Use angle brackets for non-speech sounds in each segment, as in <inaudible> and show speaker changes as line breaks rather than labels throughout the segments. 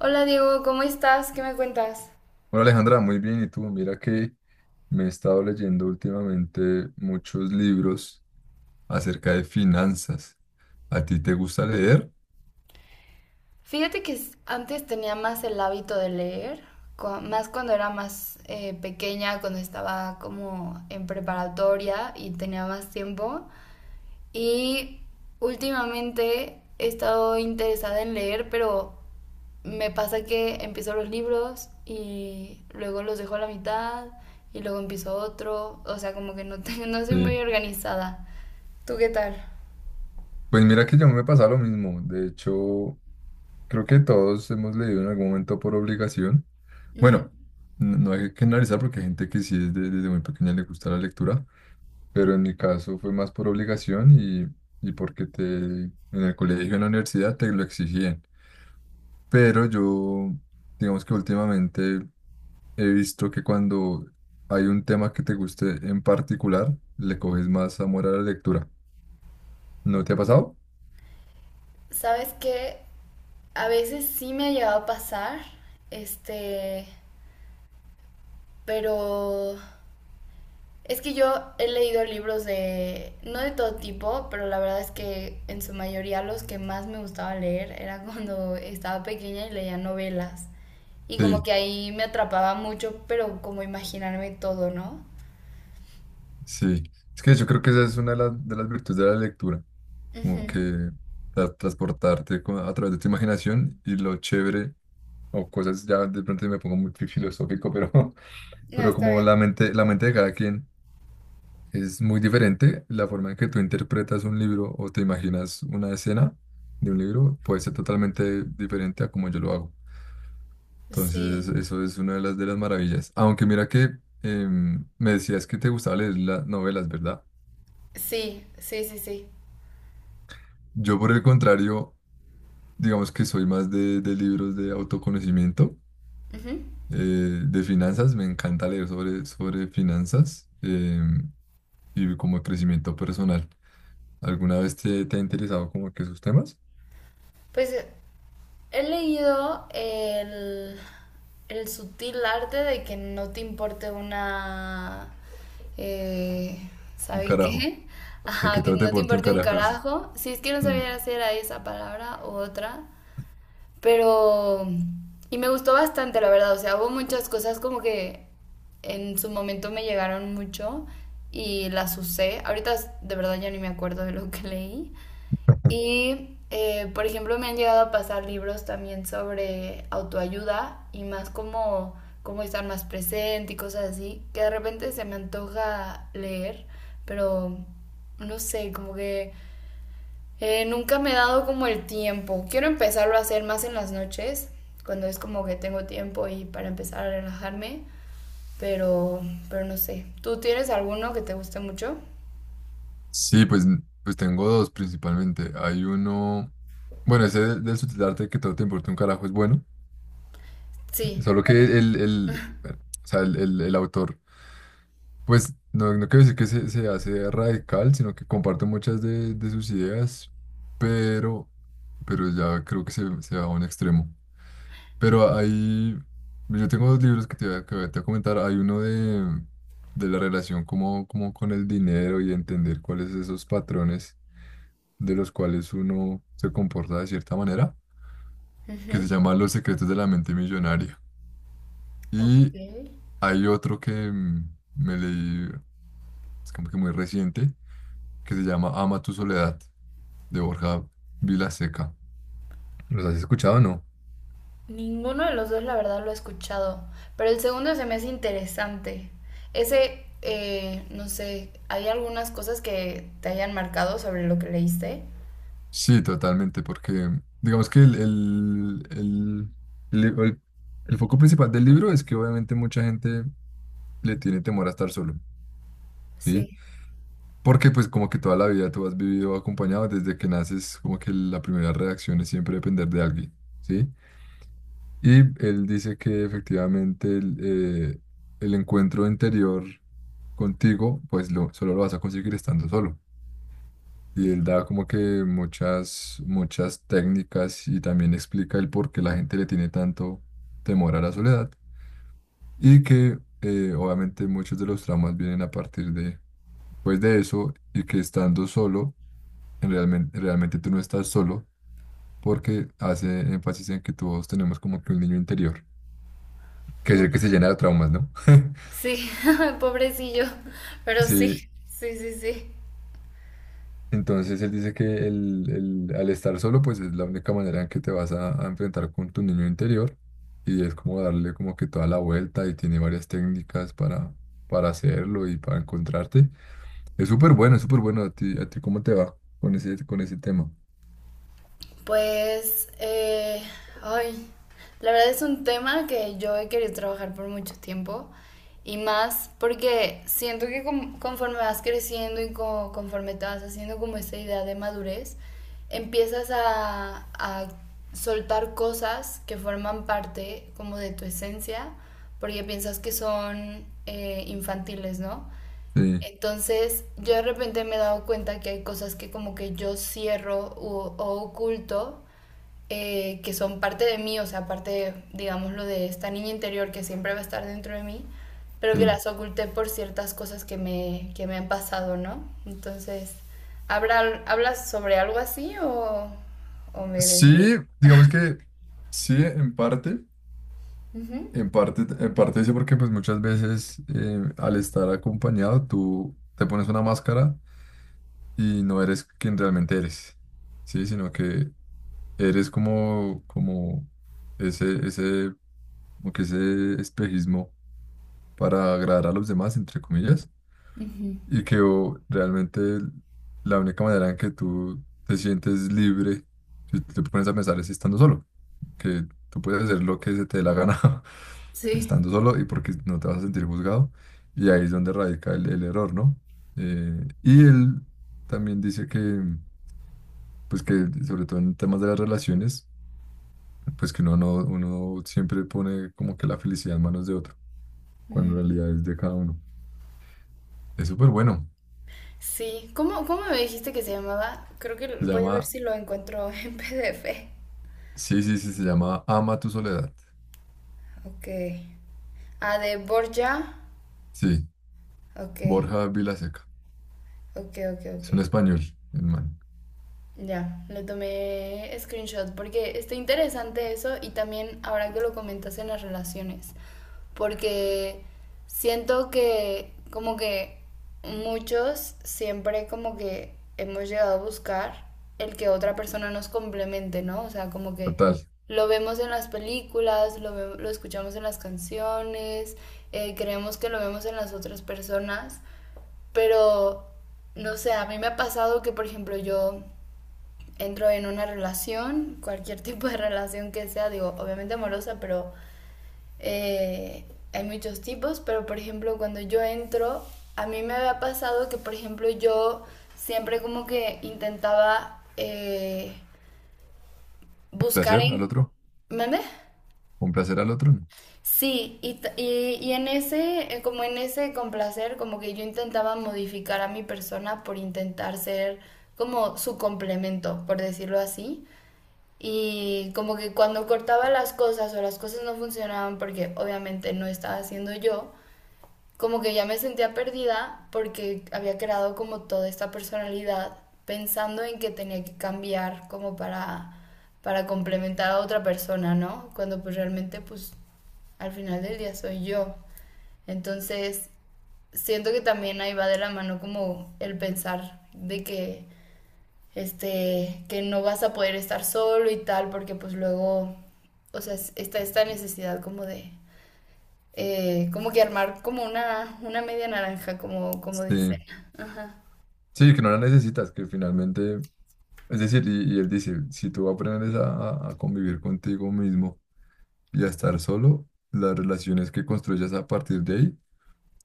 Hola Diego, ¿cómo estás? ¿Qué me cuentas?
Hola Alejandra, muy bien. ¿Y tú? Mira que me he estado leyendo últimamente muchos libros acerca de finanzas. ¿A ti te gusta leer?
Fíjate que antes tenía más el hábito de leer, más cuando era más pequeña, cuando estaba como en preparatoria y tenía más tiempo. Y últimamente he estado interesada en leer, pero me pasa que empiezo los libros y luego los dejo a la mitad y luego empiezo otro. O sea, como que no, <laughs> no soy muy
Sí.
organizada. ¿Tú qué tal?
Pues mira que yo me pasa lo mismo. De hecho, creo que todos hemos leído en algún momento por obligación. Bueno, no hay que analizar porque hay gente que sí desde muy pequeña le gusta la lectura, pero en mi caso fue más por obligación y porque te, en el colegio, en la universidad te lo exigían. Pero yo, digamos que últimamente he visto que cuando hay un tema que te guste en particular, le coges más amor a la lectura. ¿No te ha pasado?
Sabes que a veces sí me ha llegado a pasar, este, pero es que yo he leído libros de, no de todo tipo, pero la verdad es que en su mayoría los que más me gustaba leer era <laughs> cuando estaba pequeña y leía novelas. Y como
Sí,
que ahí me atrapaba mucho, pero como imaginarme todo, ¿no?
sí. Es que yo creo que esa es una de las virtudes de la lectura,
Ujú.
como que transportarte a través de tu imaginación y lo chévere, o cosas ya de pronto me pongo muy filosófico, pero, <laughs>
No,
pero
está
como
bien.
la mente de cada quien es muy diferente, la forma en que tú interpretas un libro o te imaginas una escena de un libro puede ser totalmente diferente a como yo lo hago. Entonces,
Sí,
eso es una de las maravillas. Aunque mira que me decías que te gustaba leer las novelas, ¿verdad?
sí, sí, sí, sí.
Yo, por el contrario, digamos que soy más de libros de autoconocimiento,
Ujú.
de finanzas. Me encanta leer sobre finanzas y como crecimiento personal. ¿Alguna vez te ha interesado como que esos temas?
Pues he leído el sutil arte de que no te importe una... eh,
Un
¿sabe
carajo.
qué? <laughs>
¿De qué
Ajá, que
trata
no te
deporte un
importe un
carajo? Sí.
carajo. Si es que no
Mm.
sabía si era esa palabra u otra. Pero... y me gustó bastante, la verdad. O sea, hubo muchas cosas como que en su momento me llegaron mucho y las usé. Ahorita de verdad ya ni me acuerdo de lo que leí. Y, por ejemplo, me han llegado a pasar libros también sobre autoayuda y más como cómo estar más presente y cosas así, que de repente se me antoja leer, pero no sé, como que nunca me he dado como el tiempo. Quiero empezarlo a hacer más en las noches, cuando es como que tengo tiempo y para empezar a relajarme, pero, pero no sé. ¿Tú tienes alguno que te guste mucho?
Sí, pues, pues tengo dos principalmente. Hay uno... Bueno, ese del subtitularte que todo te importa un carajo es bueno.
Sí,
Solo que
bueno.
o sea, el autor, pues no quiero decir que se hace radical, sino que comparte muchas de sus ideas, pero, pero ya creo que se va a un extremo. Pero hay, yo tengo dos libros que que te voy a comentar. Hay uno de la relación como, como con el dinero y entender cuáles esos patrones de los cuales uno se comporta de cierta manera, que se
Ujú.
llama Los Secretos de la Mente Millonaria.
Ok.
Y hay otro que me leí, es como que muy reciente, que se llama Ama Tu Soledad, de Borja Vilaseca. ¿Los has escuchado o no?
Ninguno de los dos, la verdad, lo he escuchado. Pero el segundo se me hace interesante. Ese, no sé, ¿hay algunas cosas que te hayan marcado sobre lo que leíste?
Sí, totalmente, porque digamos que el, el- el foco principal del libro es que obviamente mucha gente le tiene temor a estar solo, ¿sí?
Sí.
Porque pues como que toda la vida tú has vivido acompañado desde que naces, como que la primera reacción es siempre depender de alguien, ¿sí? Y él dice que efectivamente eh, el encuentro interior contigo, pues solo lo vas a conseguir estando solo. Y él da como que muchas, muchas técnicas y también explica el por qué la gente le tiene tanto temor a la soledad. Y que obviamente muchos de los traumas vienen a partir de, pues de eso y que estando solo, en realmente, realmente tú no estás solo porque hace énfasis en que todos tenemos como que un niño interior, que es
Wow.
el que se llena de traumas, ¿no? <laughs>
Sí, <laughs> pobrecillo. Pero sí,
Sí,
sí, sí, sí.
entonces él dice que al estar solo, pues es la única manera en que te vas a enfrentar con tu niño interior y es como darle como que toda la vuelta y tiene varias técnicas para hacerlo y para encontrarte. Es súper bueno, es súper bueno. A ti cómo te va con ese tema?
Pues, ay, la verdad es un tema que yo he querido trabajar por mucho tiempo y más porque siento que conforme vas creciendo y conforme te vas haciendo como esta idea de madurez, empiezas a soltar cosas que forman parte como de tu esencia porque piensas que son infantiles, ¿no?
Sí,
Entonces, yo de repente me he dado cuenta que hay cosas que como que yo cierro o oculto que son parte de mí, o sea, parte, digámoslo, de esta niña interior que siempre va a estar dentro de mí, pero que
sí.
las oculté por ciertas cosas que me han pasado, ¿no? Entonces, ¿hablas sobre algo así o me desvié?
Sí, digamos que sí, en parte.
Ujú.
En parte, en parte sí, porque pues muchas veces al estar acompañado tú te pones una máscara y no eres quien realmente eres, ¿sí? Sino que eres como, como ese, ese, como que ese espejismo para agradar a los demás, entre comillas,
Ujú.
y que o, realmente la única manera en que tú te sientes libre, si te pones a pensar, es estando solo, que tú puedes hacer lo que se te dé la gana <laughs>
Sí.
estando solo y porque no te vas a sentir juzgado, y ahí es donde radica el error, ¿no? Y él también dice que... pues que sobre todo en temas de las relaciones, pues que uno no, uno siempre pone como que la felicidad en manos de otro, cuando en
Mm.
realidad es de cada uno. Es súper bueno.
Sí, ¿cómo, cómo me dijiste que se llamaba? Creo
Se
que voy a ver
llama,
si lo encuentro <laughs> en PDF.
sí, sí, sí, se llama Ama Tu Soledad.
Ok. Ah, de Borja.
Sí,
Ok,
Borja Vilaseca.
ok, ok, ok.
Es un español, el man.
Ya, le tomé screenshot porque está interesante eso y también ahora que lo comentas en las relaciones, porque siento que como que muchos siempre como que hemos llegado a buscar el que otra persona nos complemente, ¿no? O sea, como que
Total.
lo vemos en las películas, lo, lo escuchamos en las canciones, creemos que lo vemos en las otras personas, pero no sé, a mí me ha pasado que, por ejemplo, yo entro en una relación, cualquier <laughs> tipo de relación que sea, digo, obviamente amorosa, pero eh, hay muchos tipos, pero por ejemplo cuando yo entro, a mí me había pasado que por ejemplo yo siempre como que intentaba
Un
buscar
placer al
en...
otro.
¿Mande?
Un placer al otro, ¿no?
Sí, y, y en ese, como en ese complacer, como que yo intentaba modificar a mi persona por intentar ser como su complemento, por decirlo así. Y como que cuando cortaba las cosas o las cosas no funcionaban porque obviamente no estaba haciendo yo, como que ya me sentía perdida porque había creado como toda esta personalidad pensando en que tenía que cambiar como para complementar a otra persona, ¿no? Cuando pues realmente pues al final del día soy yo. Entonces siento que también ahí va de la mano como el pensar de que este, que no vas a poder estar solo y tal, porque pues luego, o sea, está esta necesidad como de, como que armar como una media naranja, como, como
Sí,
dicen. Ajá.
sí, que no la necesitas, que finalmente, es decir, y él dice, si tú aprendes a convivir contigo mismo y a estar solo, las relaciones que construyas a partir de ahí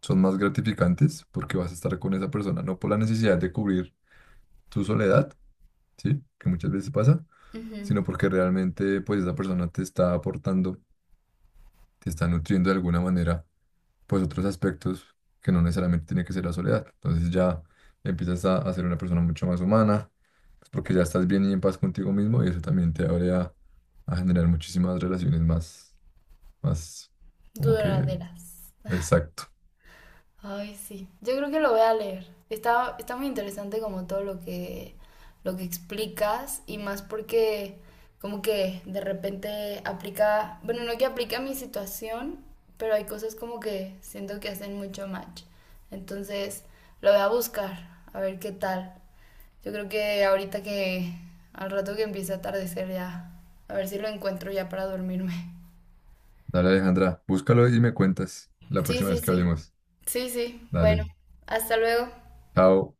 son más gratificantes porque vas a estar con esa persona, no por la necesidad de cubrir tu soledad, ¿sí? Que muchas veces pasa,
Ujú.
sino porque realmente pues esa persona te está aportando, te está nutriendo de alguna manera, pues otros aspectos que no necesariamente tiene que ser la soledad. Entonces ya empiezas a ser una persona mucho más humana, pues porque ya estás bien y en paz contigo mismo y eso también te abre a generar muchísimas relaciones más, más como que
Duraderas.
exacto.
Ay, sí. Yo creo que lo voy a leer. Está, está muy interesante como todo lo que explicas y más porque como que de repente aplica, bueno, no que aplica a mi situación, pero hay cosas como que siento que hacen mucho match. Entonces, lo voy a buscar, a ver qué tal. Yo creo que ahorita que al rato que empiece a atardecer ya, a ver si lo encuentro ya para dormirme. <laughs>
Dale Alejandra, búscalo y me cuentas la
Sí,
próxima
sí,
vez que
sí.
hablemos.
Sí, sí. Bueno,
Dale.
hasta luego.
Chao.